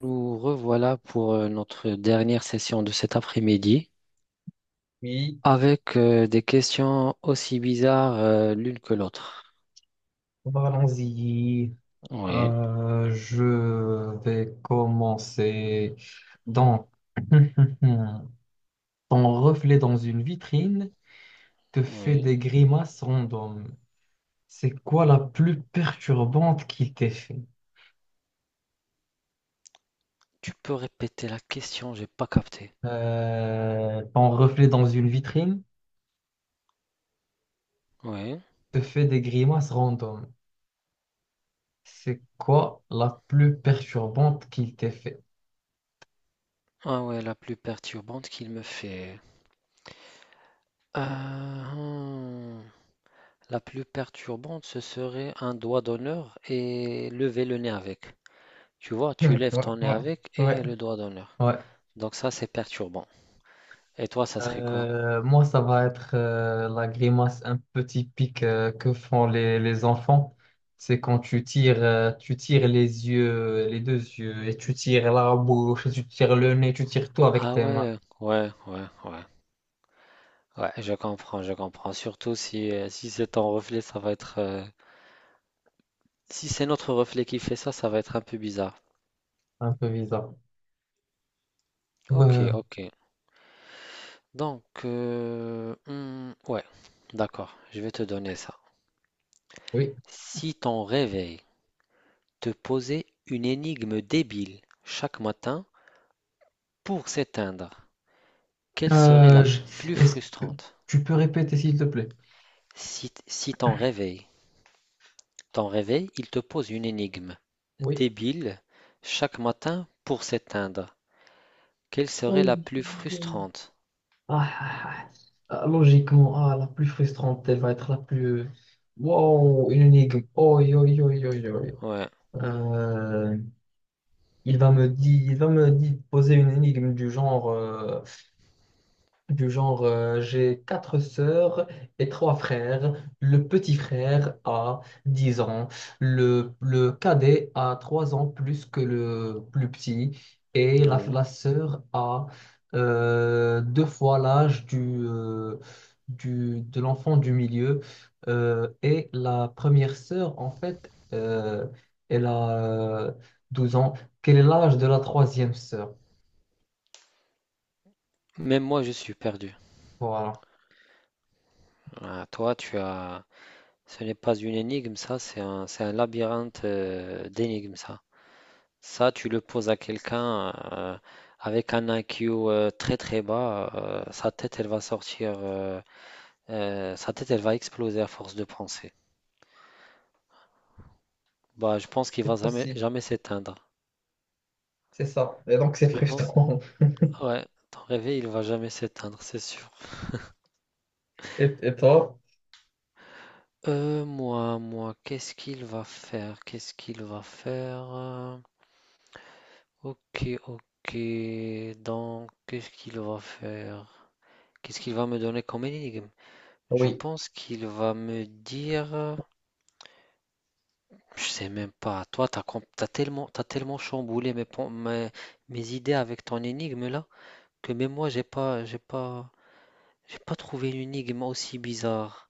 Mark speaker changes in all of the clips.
Speaker 1: Nous revoilà pour notre dernière session de cet après-midi
Speaker 2: Oui,
Speaker 1: avec des questions aussi bizarres l'une que l'autre.
Speaker 2: allons-y.
Speaker 1: Oui,
Speaker 2: Je vais commencer. Donc, ton reflet dans une vitrine te fait
Speaker 1: oui.
Speaker 2: des grimaces random. C'est quoi la plus perturbante qu'il t'ait fait?
Speaker 1: Tu peux répéter la question, j'ai pas capté.
Speaker 2: Ton reflet dans une vitrine
Speaker 1: Oui.
Speaker 2: te fait des grimaces random. C'est quoi la plus perturbante qu'il t'ait fait?
Speaker 1: Ah ouais, la plus perturbante qu'il me fait. Euh, hmm. La plus perturbante, ce serait un doigt d'honneur et lever le nez avec. Tu vois, tu
Speaker 2: Ouais,
Speaker 1: lèves ton nez
Speaker 2: ouais,
Speaker 1: avec et
Speaker 2: ouais,
Speaker 1: le doigt d'honneur.
Speaker 2: ouais.
Speaker 1: Donc ça, c'est perturbant. Et toi, ça serait quoi?
Speaker 2: Moi, ça va être la grimace un peu typique que font les enfants. C'est quand tu tires les yeux, les deux yeux, et tu tires la bouche, et tu tires le nez, tu tires tout avec
Speaker 1: Ah
Speaker 2: tes mains.
Speaker 1: ouais, ouais, ouais, ouais. Ouais, je comprends, je comprends. Surtout si, si c'est ton reflet, ça va être, si c'est notre reflet qui fait ça, ça va être un peu bizarre.
Speaker 2: Un peu bizarre.
Speaker 1: Ok,
Speaker 2: Ouais,
Speaker 1: ok. Donc, ouais, d'accord, je vais te donner ça.
Speaker 2: oui.
Speaker 1: Si ton réveil te posait une énigme débile chaque matin pour s'éteindre, quelle serait la
Speaker 2: Euh, je-
Speaker 1: plus
Speaker 2: Est-ce que
Speaker 1: frustrante?
Speaker 2: tu peux répéter, s'il te plaît?
Speaker 1: Si ton réveil, il te pose une énigme
Speaker 2: Oui.
Speaker 1: débile chaque matin pour s'éteindre. Quelle serait la
Speaker 2: Oui.
Speaker 1: plus frustrante?
Speaker 2: Ah, ah, ah. Ah, logiquement, ah, la plus frustrante, elle va être la plus... Wow, une énigme. Oi, oi, oi, oi, oi.
Speaker 1: Ouais,
Speaker 2: Euh, il va me poser une énigme du genre, j'ai quatre sœurs et trois frères. Le petit frère a 10 ans. Le cadet a 3 ans plus que le plus petit. Et la,
Speaker 1: ouais.
Speaker 2: la sœur a deux fois l'âge de l'enfant du milieu. Et la première sœur, en fait, elle a euh, 12 ans. Quel est l'âge de la troisième sœur?
Speaker 1: Même moi, je suis perdu.
Speaker 2: Voilà.
Speaker 1: Ah, toi, tu as... Ce n'est pas une énigme, ça, c'est un labyrinthe d'énigmes, ça. Ça, tu le poses à quelqu'un avec un IQ très très bas, sa tête, elle va sortir, sa tête, elle va exploser à force de penser. Bah, je pense qu'il va
Speaker 2: C'est
Speaker 1: jamais,
Speaker 2: possible.
Speaker 1: jamais s'éteindre.
Speaker 2: C'est ça. Et donc, c'est
Speaker 1: Je pense,
Speaker 2: frustrant.
Speaker 1: ouais, ton réveil, il va jamais s'éteindre, c'est sûr.
Speaker 2: Et toi?
Speaker 1: Moi, moi, qu'est-ce qu'il va faire? Qu'est-ce qu'il va faire? Ok, ok. Donc, qu'est-ce qu'il va faire? Qu'est-ce qu'il va me donner comme énigme? Je
Speaker 2: Oui.
Speaker 1: pense qu'il va me dire. Je sais même pas. Toi, t'as tellement chamboulé mes idées avec ton énigme là que même moi, j'ai pas trouvé une énigme aussi bizarre.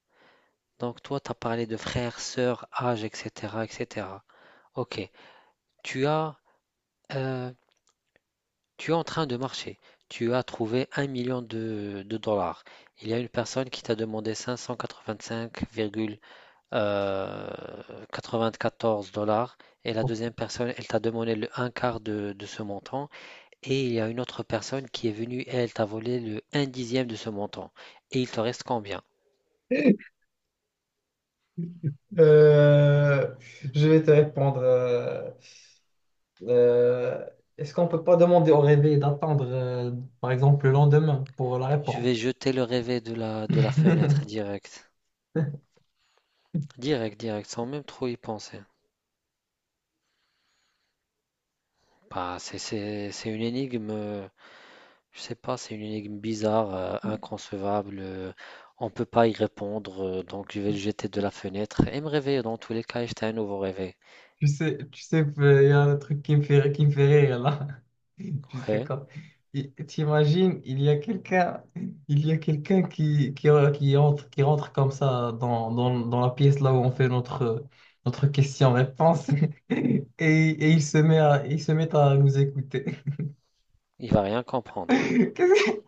Speaker 1: Donc, toi, t'as parlé de frères, sœurs, âge, etc., etc. Ok. Tu as Euh, tu es en train de marcher. Tu as trouvé un million de dollars. Il y a une personne qui t'a demandé 585,94 dollars et la deuxième personne, elle t'a demandé le un quart de ce montant et il y a une autre personne qui est venue et elle t'a volé le un dixième de ce montant. Et il te reste combien?
Speaker 2: Euh, je vais te répondre. Euh, est-ce qu'on peut pas demander au réveil d'attendre, par exemple, le lendemain pour la
Speaker 1: Je vais
Speaker 2: réponse?
Speaker 1: jeter le rêvé de la fenêtre direct. Direct, direct, sans même trop y penser. Bah, c'est une énigme. Je sais pas, c'est une énigme bizarre, inconcevable. On peut pas y répondre, donc je vais le jeter de la fenêtre et me réveiller dans tous les cas et jeter un nouveau réveil.
Speaker 2: Tu sais, il y a un truc qui me fait rire là. Tu sais
Speaker 1: Ouais,
Speaker 2: quand. T'imagines, il y a quelqu'un qui rentre comme ça dans la pièce là où on fait notre question-réponse et il se met à nous écouter.
Speaker 1: il va rien comprendre.
Speaker 2: Qu'est-ce que-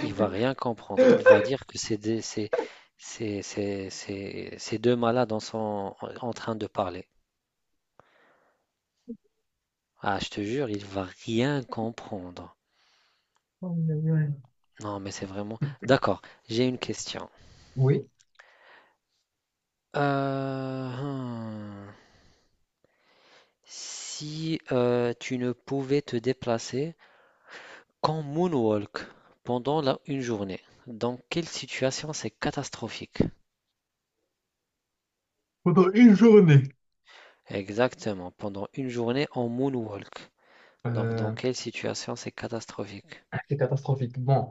Speaker 1: Il va rien comprendre. Il va dire que c'est des, c'est deux malades en train de parler. Ah, je te jure, il va rien comprendre.
Speaker 2: Oh, ouais.
Speaker 1: Non, mais c'est vraiment. D'accord, j'ai une question.
Speaker 2: Oui.
Speaker 1: Euh, hmm. Si tu ne pouvais te déplacer qu'on moonwalk pendant une journée. Dans quelle situation c'est catastrophique?
Speaker 2: Pendant une journée.
Speaker 1: Exactement, pendant une journée en moonwalk. Donc dans quelle situation c'est catastrophique?
Speaker 2: C'est catastrophique. Bon,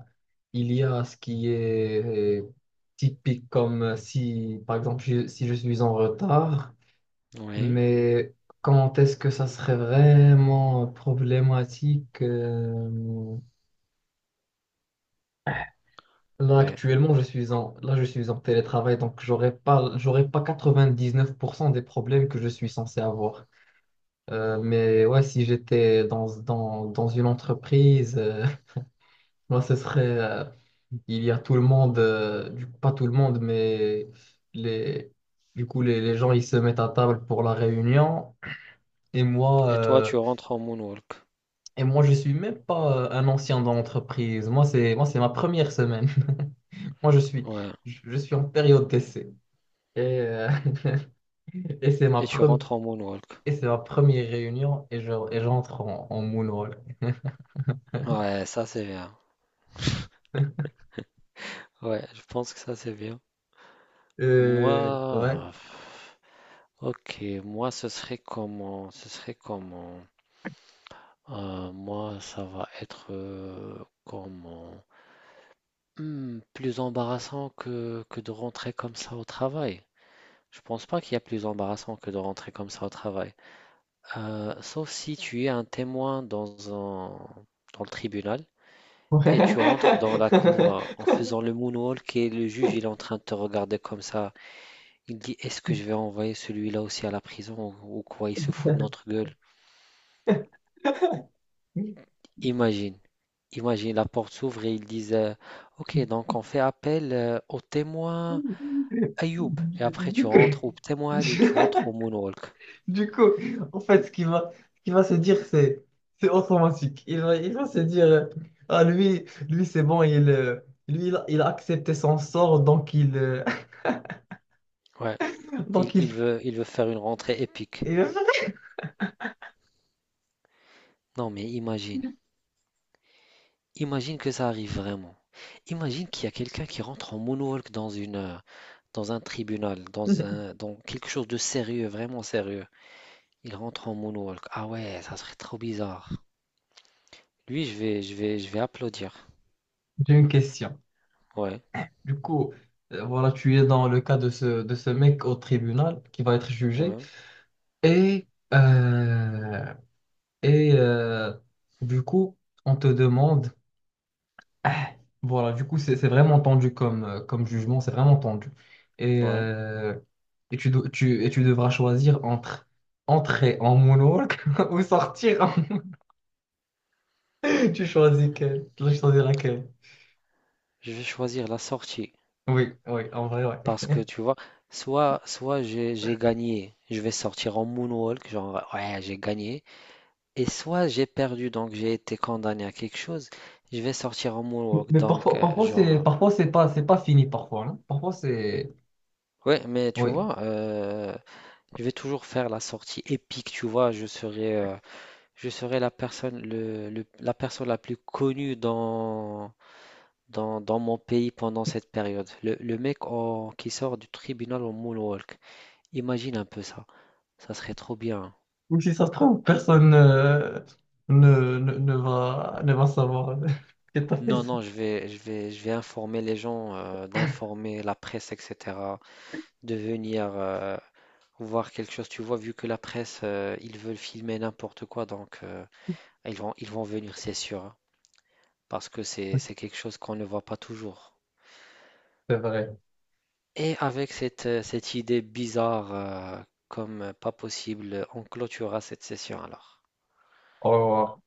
Speaker 2: il y a ce qui est typique comme si, par exemple, si je suis en retard,
Speaker 1: Oui,
Speaker 2: mais quand est-ce que ça serait vraiment problématique? Là,
Speaker 1: ouais.
Speaker 2: actuellement, je suis en télétravail, donc j'aurais pas 99% des problèmes que je suis censé avoir. Mais ouais, si j'étais dans une entreprise, moi, ce serait, il y a tout le monde, du coup, pas tout le monde, mais les, du coup, les gens, ils se mettent à table pour la réunion. Et moi,
Speaker 1: Et toi tu
Speaker 2: euh,
Speaker 1: rentres en moonwalk.
Speaker 2: et moi, je suis même pas un ancien dans l'entreprise. Moi, c'est ma première semaine. Moi, je suis,
Speaker 1: Ouais.
Speaker 2: je, je suis en période d'essai. Et, euh, et c'est ma
Speaker 1: Et tu
Speaker 2: première,
Speaker 1: rentres en moonwalk.
Speaker 2: et c'est ma première réunion et j'entre en moonwalk.
Speaker 1: Ouais, ça c'est bien. Ouais, je pense que ça c'est bien.
Speaker 2: Ouais.
Speaker 1: Moi, ok, moi ce serait comment? Ce serait comment? Moi ça va être comment? Plus embarrassant que de rentrer comme ça au travail. Je pense pas qu'il y a plus embarrassant que de rentrer comme ça au travail. Sauf si tu es un témoin dans un, dans le tribunal et tu rentres dans la cour
Speaker 2: Ouais.
Speaker 1: en faisant le moonwalk et le juge il est en train de te regarder comme ça. Il dit est-ce que je vais envoyer celui-là aussi à la prison ou quoi? Il se fout de notre gueule. Imagine. Imagine, la porte s'ouvre et ils disent ok, donc on fait appel aux témoins Ayoub et après
Speaker 2: Du
Speaker 1: tu
Speaker 2: coup,
Speaker 1: rentres au Ptemoal et tu rentres au Moonwalk.
Speaker 2: du coup, en fait, ce qu'il va se dire, c'est automatique. Il va se dire, ah, lui, c'est bon, lui, il a accepté son sort, donc il,
Speaker 1: Ouais. Il,
Speaker 2: donc il.
Speaker 1: il veut, faire une rentrée épique.
Speaker 2: Et, euh,
Speaker 1: Non mais imagine, imagine que ça arrive vraiment. Imagine qu'il y a quelqu'un qui rentre en Moonwalk dans dans un tribunal, dans quelque chose de sérieux, vraiment sérieux. Il rentre en Moonwalk. Ah ouais, ça serait trop bizarre. Lui, je vais applaudir.
Speaker 2: J'ai une question.
Speaker 1: Ouais,
Speaker 2: Du coup, voilà, tu es dans le cas de de ce mec au tribunal qui va être jugé,
Speaker 1: ouais,
Speaker 2: et, euh, et du coup, on te demande. Ah, voilà, du coup, c'est vraiment tendu comme jugement, c'est vraiment tendu. Et,
Speaker 1: ouais.
Speaker 2: euh, et tu devras choisir entre entrer en monologue ou sortir en... Tu dois choisir laquelle.
Speaker 1: Je vais choisir la sortie.
Speaker 2: Oui, oui, en vrai, ouais.
Speaker 1: Parce que tu vois, soit j'ai gagné, je vais sortir en moonwalk, genre ouais, j'ai gagné, et soit j'ai perdu, donc j'ai été condamné à quelque chose, je vais sortir en
Speaker 2: Mais
Speaker 1: moonwalk,
Speaker 2: mais
Speaker 1: donc
Speaker 2: parfois, parfois
Speaker 1: genre
Speaker 2: c'est parfois c'est pas c'est pas fini parfois, non? Parfois c'est
Speaker 1: ouais, mais tu
Speaker 2: oui.
Speaker 1: vois, je vais toujours faire la sortie épique, tu vois, je serai la personne, la personne la plus connue dans mon pays pendant cette période. Le mec qui sort du tribunal en moonwalk, imagine un peu ça, ça serait trop bien.
Speaker 2: Ou si ça se trouve, personne ne va savoir que t'as fait
Speaker 1: Non,
Speaker 2: ça.
Speaker 1: non, je vais informer les gens, d'informer la presse, etc., de venir voir quelque chose. Tu vois, vu que la presse, ils veulent filmer n'importe quoi, donc ils vont venir, c'est sûr, hein, parce que c'est quelque chose qu'on ne voit pas toujours.
Speaker 2: C'est vrai.
Speaker 1: Et avec cette idée bizarre, comme pas possible, on clôturera cette session alors.
Speaker 2: Au revoir.